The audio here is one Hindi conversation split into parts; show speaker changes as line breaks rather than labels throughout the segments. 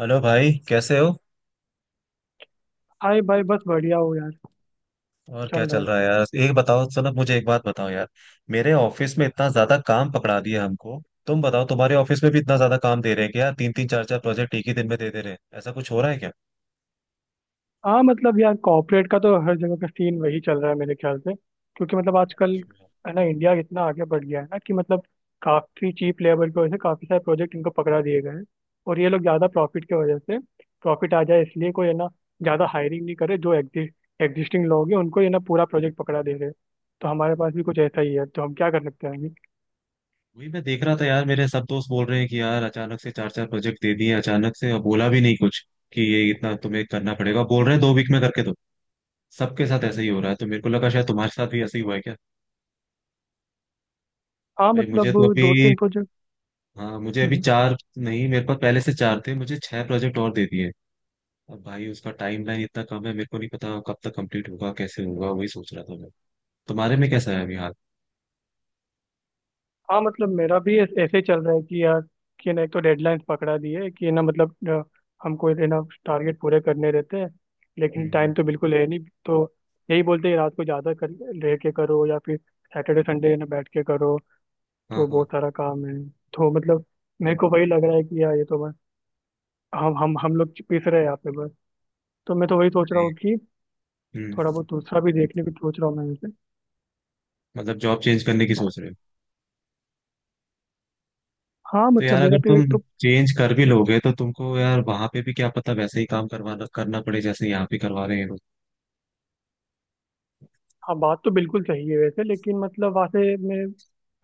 हेलो भाई, कैसे हो?
हाय भाई, बस बढ़िया हो यार।
और क्या
चल रहा
चल
है।
रहा है यार। एक बताओ सनत, मुझे एक बात बताओ यार। मेरे ऑफिस में इतना ज्यादा काम पकड़ा दिया हमको। तुम बताओ, तुम्हारे ऑफिस में भी इतना ज्यादा काम दे रहे हैं क्या? तीन तीन चार चार प्रोजेक्ट एक ही दिन में दे दे रहे हैं, ऐसा कुछ हो रहा है क्या?
हाँ मतलब यार, कॉर्पोरेट का तो हर जगह का सीन वही चल रहा है मेरे ख्याल से। क्योंकि मतलब आजकल
अच्छा।
है ना इंडिया इतना आगे बढ़ गया है ना कि मतलब काफ़ी चीप लेबर की वजह से काफ़ी सारे प्रोजेक्ट इनको पकड़ा दिए गए हैं। और ये लोग ज़्यादा प्रॉफिट की वजह से, प्रॉफिट आ जाए इसलिए, कोई है ना ज़्यादा हायरिंग नहीं करे। जो एग्जिस्टिंग लोग हैं उनको ये ना पूरा प्रोजेक्ट पकड़ा दे रहे हैं। तो हमारे पास भी कुछ ऐसा ही है। तो हम क्या कर सकते हैं आगे?
वही मैं देख रहा था यार, मेरे सब दोस्त बोल रहे हैं कि यार अचानक से चार चार प्रोजेक्ट दे दिए, अचानक से, और बोला भी नहीं कुछ कि ये इतना तुम्हें करना पड़ेगा। बोल रहे हैं 2 वीक में करके दो। सबके साथ ऐसे ही हो रहा है, तो मेरे को लगा शायद तुम्हारे साथ भी ऐसे ही हुआ है क्या।
हाँ
भाई मुझे
मतलब
तो
दो
अभी,
तीन प्रोजेक्ट।
हाँ मुझे अभी चार नहीं, मेरे पास पहले से चार थे, मुझे छह प्रोजेक्ट और दे दिए। अब भाई उसका टाइम लाइन इतना कम है, मेरे को नहीं पता कब तक कंप्लीट होगा कैसे होगा। वही सोच रहा था मैं। तुम्हारे में कैसा है अभी हाल?
हाँ मतलब मेरा भी ऐसे ही चल रहा है कि यार, कि ना एक तो डेडलाइंस पकड़ा दी है कि ना मतलब हमको ये ना टारगेट पूरे करने रहते हैं लेकिन
हम्म।
टाइम तो बिल्कुल है नहीं। तो यही बोलते हैं रात को ज़्यादा कर रह के करो या फिर सैटरडे संडे ना बैठ के करो।
हाँ
तो
हाँ।
बहुत सारा काम है। तो मतलब मेरे को वही लग रहा है कि यार ये तो बस हम लोग पिस रहे हैं यहाँ पे बस। तो मैं तो वही सोच रहा
अरे।
हूँ कि
हम्म,
थोड़ा बहुत दूसरा भी देखने की सोच रहा हूँ मैं वैसे।
मतलब जॉब चेंज करने की सोच रहे हो?
हाँ
तो
मतलब
यार
मेरा
अगर
पे
तुम
एक तो
चेंज कर भी लोगे तो तुमको यार वहां पे भी क्या पता, वैसे ही काम करवाना करना पड़े जैसे यहाँ पे करवा रहे हैं लोग।
हाँ बात तो बिल्कुल सही है वैसे, लेकिन मतलब वहाँ से मैं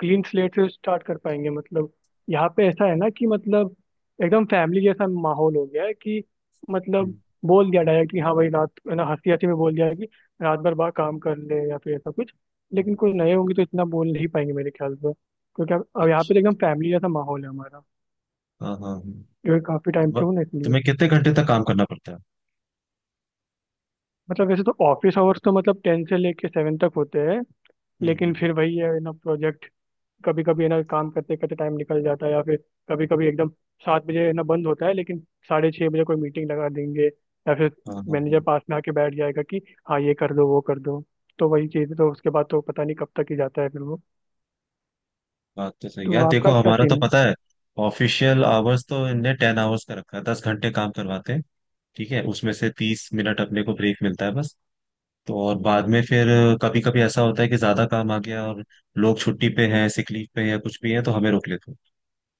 क्लीन स्लेट से स्टार्ट कर पाएंगे। मतलब यहाँ पे ऐसा है ना कि मतलब एकदम फैमिली जैसा माहौल हो गया है कि मतलब
हम्म,
बोल दिया डायरेक्ट कि हाँ भाई, रात है ना, हंसी हंसी में बोल दिया कि रात भर बाहर काम कर ले या फिर ऐसा कुछ। लेकिन
हम्म,
कोई नए होंगे तो इतना बोल नहीं पाएंगे मेरे ख्याल से क्योंकि अब यहाँ पे
अच्छा।
तो एकदम फैमिली जैसा माहौल है हमारा।
हाँ हाँ,
क्योंकि काफ़ी
तो
टाइम से
ब-
हूँ ना इसलिए।
तुम्हें कितने घंटे तक काम करना पड़ता है?
मतलब वैसे तो ऑफिस आवर्स तो मतलब टेन से लेके सेवन तक होते हैं। लेकिन
हम्म।
फिर वही है ना प्रोजेक्ट, कभी कभी है ना काम करते करते टाइम निकल जाता है या फिर कभी कभी एकदम सात बजे है ना बंद होता है लेकिन साढ़े छः बजे कोई मीटिंग लगा देंगे या फिर
हाँ हाँ
मैनेजर
हाँ,
पास में आके बैठ जाएगा कि हाँ ये कर दो वो कर दो। तो वही चीज़ है, तो उसके बाद तो पता नहीं कब तक ही जाता है फिर वो।
बात तो सही
तो
यार। देखो
आपका क्या
हमारा तो
सीन है?
पता है, ऑफिशियल आवर्स तो इनने 10 आवर्स का रखा है, 10 घंटे काम करवाते हैं। ठीक है, उसमें से 30 मिनट अपने को ब्रेक मिलता है बस। तो और बाद में फिर कभी कभी ऐसा होता है कि ज्यादा काम आ गया और लोग छुट्टी पे हैं, सिक लीव पे हैं या कुछ भी है, तो हमें रोक लेते हैं।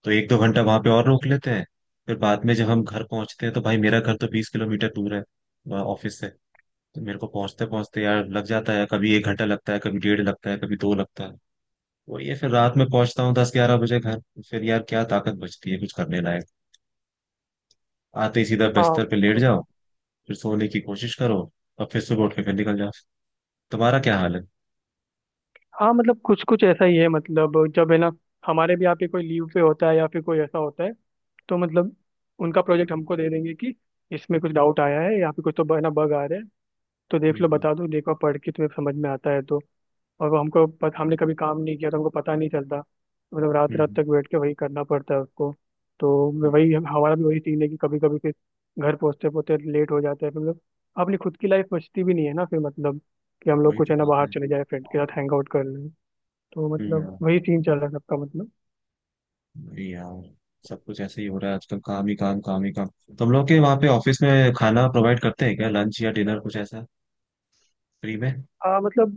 तो एक दो घंटा वहां पे और रोक लेते हैं। फिर बाद में जब हम घर पहुंचते हैं, तो भाई मेरा घर तो 20 किलोमीटर दूर है वहाँ ऑफिस से। तो मेरे को पहुंचते पहुंचते यार लग जाता है, कभी एक घंटा लगता है, कभी डेढ़ लगता है, कभी दो लगता है। वही है, फिर रात में पहुंचता हूँ दस ग्यारह बजे घर। फिर यार क्या ताकत बचती है कुछ करने लायक? आते ही सीधा
हाँ।
बिस्तर पे लेट
तो
जाओ, फिर सोने की कोशिश करो, और फिर सुबह उठ के फिर निकल जाओ। तुम्हारा क्या हाल है?
हाँ मतलब कुछ कुछ ऐसा ही है। मतलब जब है ना हमारे भी यहाँ पे कोई लीव पे होता है या फिर कोई ऐसा होता है तो मतलब उनका प्रोजेक्ट हमको दे देंगे कि इसमें कुछ डाउट आया है, यहाँ पे कुछ तो है ना बग आ रहे हैं, तो देख लो
हम्म।
बता दो, देखो पढ़ के तुम्हें समझ में आता है तो। और वो हमको हमने कभी काम नहीं किया तो हमको पता नहीं चलता। मतलब रात रात
हम्म,
तक बैठ के वही करना पड़ता है उसको। तो मैं
हम्म,
वही हमारा भी वही सीन है कि कभी कभी फिर घर पहुंचते पहुंचते लेट हो जाता है। मतलब अपनी खुद की लाइफ बचती भी नहीं है ना फिर मतलब, कि हम लोग
वही
कुछ
तो
है ना
बात
बाहर
है।
चले जाए, फ्रेंड के साथ हैंग आउट कर लें। तो मतलब
हम्म,
वही सीन चल रहा है सबका मतलब।
वही यार। सब कुछ ऐसे ही हो रहा है आजकल, काम ही काम काम ही काम। तुम लोग के वहाँ पे ऑफिस में खाना प्रोवाइड करते हैं क्या, लंच या डिनर कुछ ऐसा, फ्री में?
मतलब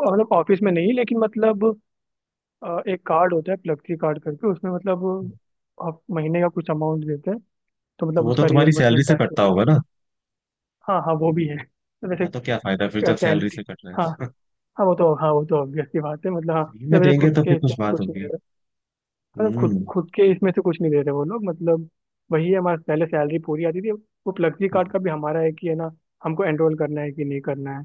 मतलब ऑफिस में नहीं लेकिन मतलब एक कार्ड होता है फ्लेक्सी कार्ड करके, उसमें मतलब आप महीने का कुछ अमाउंट देते हैं तो
तो
मतलब
वो तो
उसका
तुम्हारी सैलरी
रिएम्बर्समेंट
से
टाइप
कटता
होता
होगा
है।
ना।
हाँ हाँ वो भी है तो वैसे
हाँ तो क्या फायदा फिर जब सैलरी
कैंटीन।
से कट रहा
हाँ
है।
हाँ वो तो, हाँ वो तो ऑब्वियस सी बात है मतलब, हाँ
फ्री में
मतलब ऐसे
देंगे
खुद
तो
के
फिर कुछ
इससे
बात
कुछ नहीं दे
होगी।
रहे। मतलब
हम्म।
खुद खुद के इसमें से कुछ नहीं दे रहे वो लोग मतलब। वही है हमारा पहले सैलरी पूरी आती थी। वो फ्लेक्सी कार्ड का भी हमारा है कि है ना हमको एनरोल करना है कि नहीं करना है।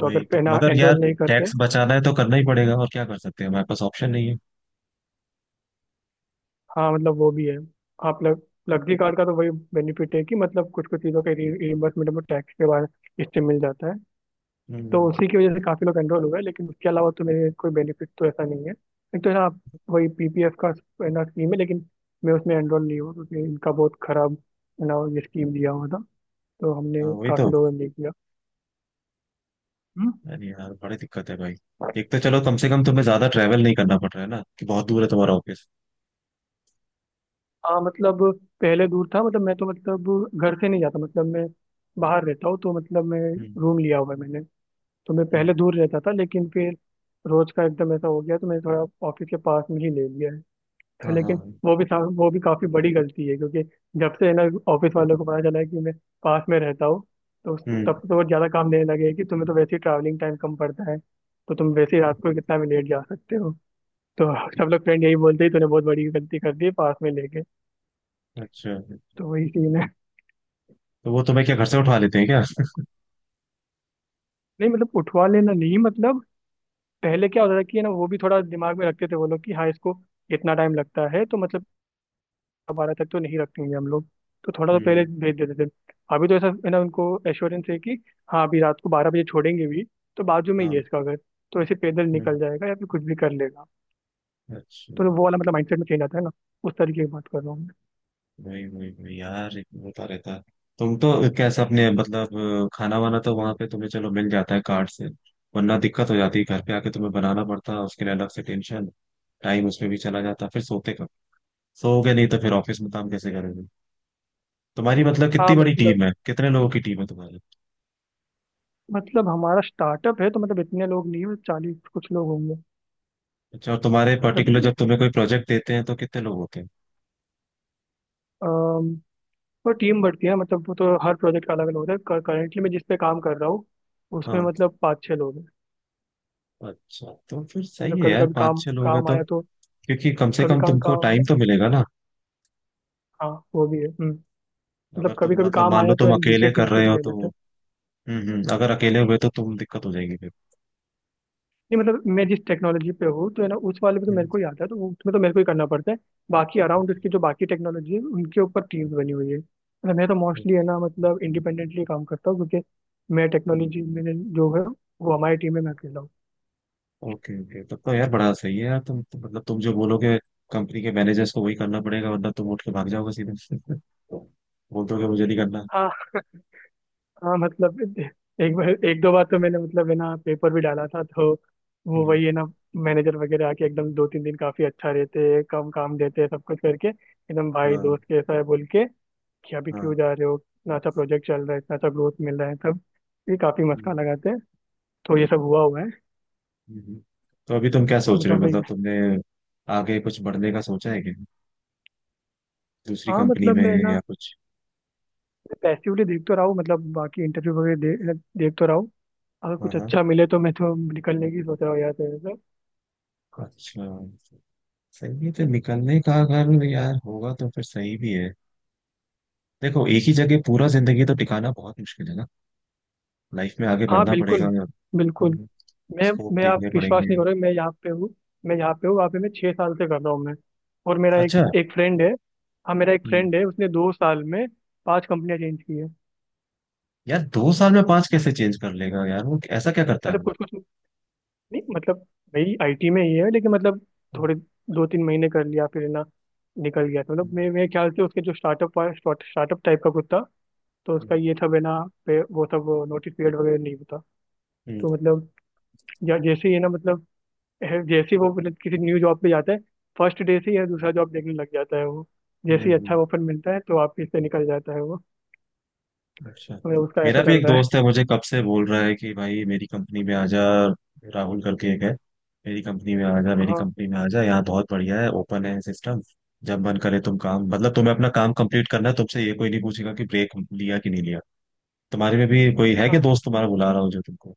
तो अगर पे
तो
ना
मगर यार,
एनरोल नहीं करते।
टैक्स बचाना है तो करना ही पड़ेगा, और क्या कर सकते हैं, हमारे पास ऑप्शन नहीं है।
हाँ मतलब वो भी है। हाँ प्लग फ्लेक्सी कार्ड का तो वही बेनिफिट है कि मतलब कुछ कुछ चीज़ों के रिइम्बर्समेंट में टैक्स के बाद इससे मिल जाता है। तो
हम्म।
उसी की वजह से काफ़ी लोग एनरोल हुए लेकिन उसके अलावा तो मेरे कोई बेनिफिट तो ऐसा नहीं है। एक तो है ना वही पीपीएफ का है ना स्कीम है लेकिन मैं उसमें एनरोल नहीं हुआ क्योंकि इनका बहुत खराब है ना ये स्कीम दिया हुआ था। तो
हाँ
हमने
वही तो।
काफ़ी लोगों ने नहीं किया। हम्म।
अरे यार बड़ी दिक्कत है भाई। एक तो चलो कम से कम तुम्हें ज्यादा ट्रैवल नहीं करना पड़ रहा है ना, कि बहुत दूर है तुम्हारा ऑफिस।
हाँ मतलब पहले दूर था मतलब मैं तो मतलब घर से नहीं जाता, मतलब मैं बाहर रहता हूँ, तो मतलब मैं
हम्म
रूम लिया हुआ है मैंने। तो मैं
हम्म।
पहले दूर रहता था लेकिन फिर रोज का एकदम ऐसा हो गया तो मैंने थोड़ा ऑफिस के पास में ही ले लिया है। तो
हाँ हाँ
लेकिन
हाँ,
वो भी वो भी काफी बड़ी गलती है क्योंकि जब से है ना ऑफिस वालों को पता चला है कि मैं पास में रहता हूँ, तो तब से तो
हम्म।
वो ज्यादा काम देने लगे हैं कि तुम्हें तो वैसे ही ट्रैवलिंग टाइम कम पड़ता है तो तुम वैसे ही रात को कितना भी लेट जा सकते हो। तो सब लोग फ्रेंड यही बोलते हैं तूने बहुत बड़ी गलती कर दी है पास में लेके।
अच्छा,
तो वही सीन है।
तो वो तुम्हें क्या घर से उठवा लेते हैं क्या?
नहीं मतलब उठवा लेना नहीं, मतलब पहले क्या होता था कि है ना वो भी थोड़ा दिमाग में रखते थे वो लोग कि हाँ इसको इतना टाइम लगता है तो मतलब बारह तक तो नहीं रखेंगे हम लोग, तो थोड़ा तो पहले
हम्म।
भेज देते थे। अभी तो ऐसा है ना उनको एश्योरेंस है कि हाँ अभी रात को बारह बजे छोड़ेंगे भी तो बाजू में ही है
हाँ।
इसका घर, तो ऐसे पैदल
हम्म,
निकल जाएगा या फिर कुछ भी कर लेगा।
अच्छा।
तो वो वाला मतलब माइंडसेट में चेंज आता है ना, उस तरीके की बात कर रहा हूँ मैं।
वही वही वही यार, एक होता रहता है। तुम तो कैसे अपने मतलब खाना वाना तो वहां पे तुम्हें चलो मिल जाता है कार्ड से, वरना दिक्कत हो जाती है। घर पे आके तुम्हें बनाना पड़ता है, उसके लिए अलग से टेंशन, टाइम उसमें भी चला जाता, फिर सोते कब? सोओगे नहीं तो फिर ऑफिस में काम कैसे करोगे? तुम्हारी मतलब
हाँ
कितनी बड़ी
मतलब,
टीम है, कितने लोगों की टीम है तुम्हारी?
मतलब हमारा स्टार्टअप है तो मतलब इतने लोग नहीं है, चालीस कुछ लोग होंगे।
अच्छा, और तुम्हारे
जब
पर्टिकुलर जब तुम्हें कोई प्रोजेक्ट देते हैं तो कितने लोग होते हैं?
अम, वो टीम बढ़ती है मतलब वो तो हर प्रोजेक्ट का अलग अलग होता है। करेंटली मैं जिस पे काम कर रहा हूँ उसमें
हाँ।
मतलब पाँच छः लोग हैं।
अच्छा तो फिर सही
मतलब
है
कभी
यार,
कभी
पाँच
काम
छह लोग हैं
काम
तो,
आया तो
क्योंकि कम से
कभी
कम
कभी
तुमको
काम
टाइम
आया।
तो मिलेगा ना।
हाँ वो भी है। हम्म।
अगर
मतलब कभी
तुम
कभी
मतलब
काम
मान
आया
लो
तो है
तुम
ना
अकेले
दूसरी टीम
कर
से
रहे
भी
हो
ले
तो,
लेते हैं।
अगर अकेले हुए तो तुम दिक्कत हो जाएगी फिर।
नहीं मतलब मैं जिस टेक्नोलॉजी पे हूँ तो है ना उस वाले पे तो
हम्म,
मेरे को ही आता है तो उसमें तो मेरे को ही करना पड़ता है। बाकी अराउंड उसकी जो बाकी टेक्नोलॉजी है उनके ऊपर टीम्स बनी हुई है। मतलब मैं तो मोस्टली है ना मतलब इंडिपेंडेंटली काम करता हूँ क्योंकि मैं टेक्नोलॉजी में जो है वो हमारी टीम में मैं अकेला
ओके ओके। तब तो यार बड़ा सही है यार। तुम मतलब तुम जो बोलोगे, कंपनी के मैनेजर्स को वही करना पड़ेगा, वरना तुम उठ के भाग जाओगे सीधे। बोल दोगे मुझे नहीं करना।
हूँ। हाँ मतलब एक बार एक दो बार तो मैंने मतलब है ना पेपर भी डाला था तो वो
हम्म,
वही है ना मैनेजर वगैरह आके एकदम दो तीन दिन काफी अच्छा रहते हैं, कम काम देते हैं, सब कुछ करके एकदम भाई
हाँ
दोस्त कैसा है बोल के कि अभी क्यों
हाँ।
जा रहे हो, इतना अच्छा प्रोजेक्ट चल रहा है, इतना अच्छा ग्रोथ मिल रहा है सब। ये काफी मस्का
हम्म,
लगाते हैं। तो ये सब हुआ हुआ है।
हम्म। तो अभी तुम क्या
तो
सोच रहे
मतलब
हो,
वही।
मतलब तुमने आगे कुछ बढ़ने का सोचा है क्या, दूसरी
हाँ
कंपनी
मतलब
में
मैं ना
या कुछ?
पैसिवली देख तो रहा हूँ मतलब बाकी इंटरव्यू वगैरह देख तो रहा हूँ। अगर
हाँ
कुछ
हाँ,
अच्छा मिले तो मैं तो निकलने की सोच रहा हूँ यार तेरे से।
अच्छा, सही है। तो निकलने का अगर यार होगा तो फिर सही भी है। देखो एक ही जगह पूरा जिंदगी तो टिकाना बहुत मुश्किल है ना, लाइफ में आगे
हाँ
बढ़ना
बिल्कुल
पड़ेगा,
बिल्कुल। मैं
स्कोप
मैं आप
देखने
विश्वास
पड़ेंगे।
नहीं करोगे, मैं यहाँ पे हूँ, मैं यहाँ पे हूँ, वहाँ पे मैं छः साल से कर रहा हूँ मैं, और मेरा एक
अच्छा।
एक फ्रेंड है। हाँ मेरा एक
हम्म,
फ्रेंड है, उसने दो साल में पांच कंपनियां चेंज की है।
यार 2 साल में पांच कैसे चेंज कर लेगा यार? वो ऐसा क्या करता है
मतलब
वो?
कुछ कुछ नहीं मतलब मेरी आईटी में ही है लेकिन मतलब थोड़े दो तीन महीने कर लिया फिर ना निकल गया था। मतलब
हम्म,
मे मेरे ख्याल से उसके जो स्टार्टअप स्टार्टअप टाइप का कुछ था, तो उसका
हम्म,
ये था बिना पे वो सब नोटिस पीरियड वगैरह नहीं होता।
हम्म,
तो मतलब या जैसे ही है ना मतलब जैसे ही वो अपने किसी न्यू जॉब पे जाता है, फर्स्ट डे से ही या दूसरा जॉब देखने लग जाता है वो।
हम्म,
जैसे ही अच्छा
हम्म,
ऑफर मिलता है तो वापिस से निकल जाता है वो।
अच्छा।
तो उसका
मेरा
ऐसा
भी
चल
एक
रहा है।
दोस्त है, मुझे कब से बोल रहा है कि भाई मेरी कंपनी में आ जा, राहुल करके एक है। मेरी कंपनी में आ जा, मेरी
हाँ
कंपनी में आ जा, यहाँ बहुत बढ़िया है, ओपन है सिस्टम। जब मन करे तुम काम, मतलब तुम्हें अपना काम कंप्लीट करना है, तुमसे ये कोई नहीं पूछेगा कि ब्रेक लिया कि नहीं लिया। तुम्हारे में भी कोई है क्या
हाँ।
दोस्त तुम्हारा बुला रहा हो जो तुमको?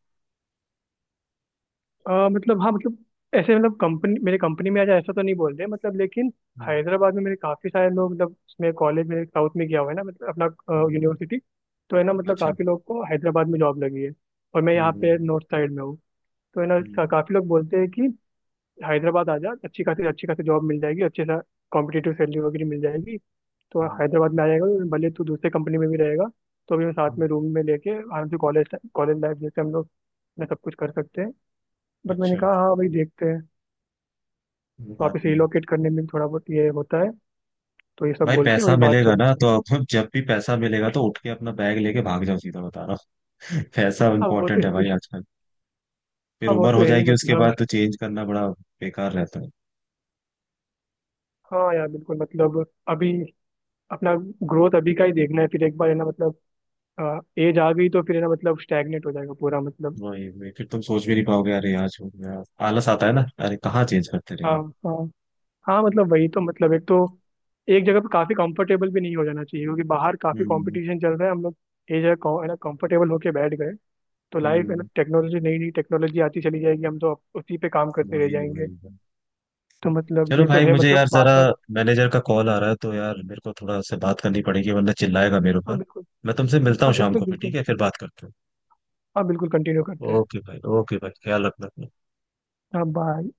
मतलब हाँ मतलब ऐसे मतलब कंपनी मेरे कंपनी में आज ऐसा तो नहीं बोल रहे मतलब, लेकिन
हम्म,
हैदराबाद में मेरे काफ़ी सारे लोग मतलब, मैं कॉलेज में साउथ में गया हुआ है ना मतलब अपना
हम्म।
यूनिवर्सिटी। तो है ना मतलब
अच्छा।
काफ़ी लोग को हैदराबाद में जॉब लगी है, और मैं
हम्म
यहाँ पे
हम्म,
नॉर्थ साइड में हूँ। तो है ना
हम्म,
काफ़ी लोग बोलते हैं कि हैदराबाद आ जा, अच्छी खासी जॉब मिल जाएगी, अच्छे सा कॉम्पिटिटिव सैलरी वगैरह मिल जाएगी। तो
हम्म,
हैदराबाद में आ जाएगा तो भले तू दूसरे कंपनी में भी रहेगा तो भी हम साथ
हम्म,
में रूम में लेके आराम से कॉलेज कॉलेज लाइफ जैसे हम लोग अपना सब कुछ कर सकते हैं। बट मैंने
अच्छा।
कहा हाँ भाई देखते हैं।
वो बात
वापस
भी है।
रिलोकेट करने में भी थोड़ा बहुत ये होता है, तो ये सब
भाई
बोल के
पैसा
वही बात
मिलेगा
चलती
ना
है।
तो अब, जब भी पैसा मिलेगा तो उठ के अपना बैग लेके भाग जाओ सीधा, बता रहा हूँ। पैसा
हाँ वो तो
इंपॉर्टेंट
है
है भाई
ही।
आजकल। फिर
हाँ वो
उम्र
तो
हो
है ही
जाएगी, उसके
मतलब,
बाद तो चेंज करना बड़ा बेकार रहता है।
हाँ यार बिल्कुल मतलब अभी अपना ग्रोथ अभी का ही देखना है। फिर एक बार है ना मतलब एज आ गई तो फिर है ना मतलब स्टैग्नेट हो जाएगा पूरा मतलब।
वही वही, फिर तुम सोच भी नहीं पाओगे, अरे आज हो गया, आलस आता है ना, अरे कहाँ चेंज करते
हाँ
रहेंगे।
हाँ। हाँ मतलब वही तो मतलब, एक तो एक जगह पे काफी कंफर्टेबल भी नहीं हो जाना चाहिए क्योंकि बाहर काफी
हम्म
कंपटीशन चल रहा है, हम लोग एक जगह है ना कंफर्टेबल होके बैठ गए तो लाइफ है ना,
हम्म,
टेक्नोलॉजी नई नई टेक्नोलॉजी आती चली जाएगी, हम तो अब उसी पे काम करते रह
वही
जाएंगे।
वही।
तो मतलब
चलो
ये तो
भाई,
है
मुझे
मतलब
यार
बार
जरा
बार।
मैनेजर का कॉल आ रहा है तो यार मेरे को थोड़ा उससे बात करनी पड़ेगी, वरना चिल्लाएगा मेरे
हाँ
ऊपर।
बिल्कुल।
मैं तुमसे मिलता हूँ
हाँ
शाम
बिल्कुल
को फिर, ठीक
बिल्कुल।
है, फिर बात करते हैं।
हाँ बिल्कुल कंटिन्यू
ओ-
करते हैं।
ओके भाई, ओके भाई, ख्याल रखना अपना।
हाँ बाय।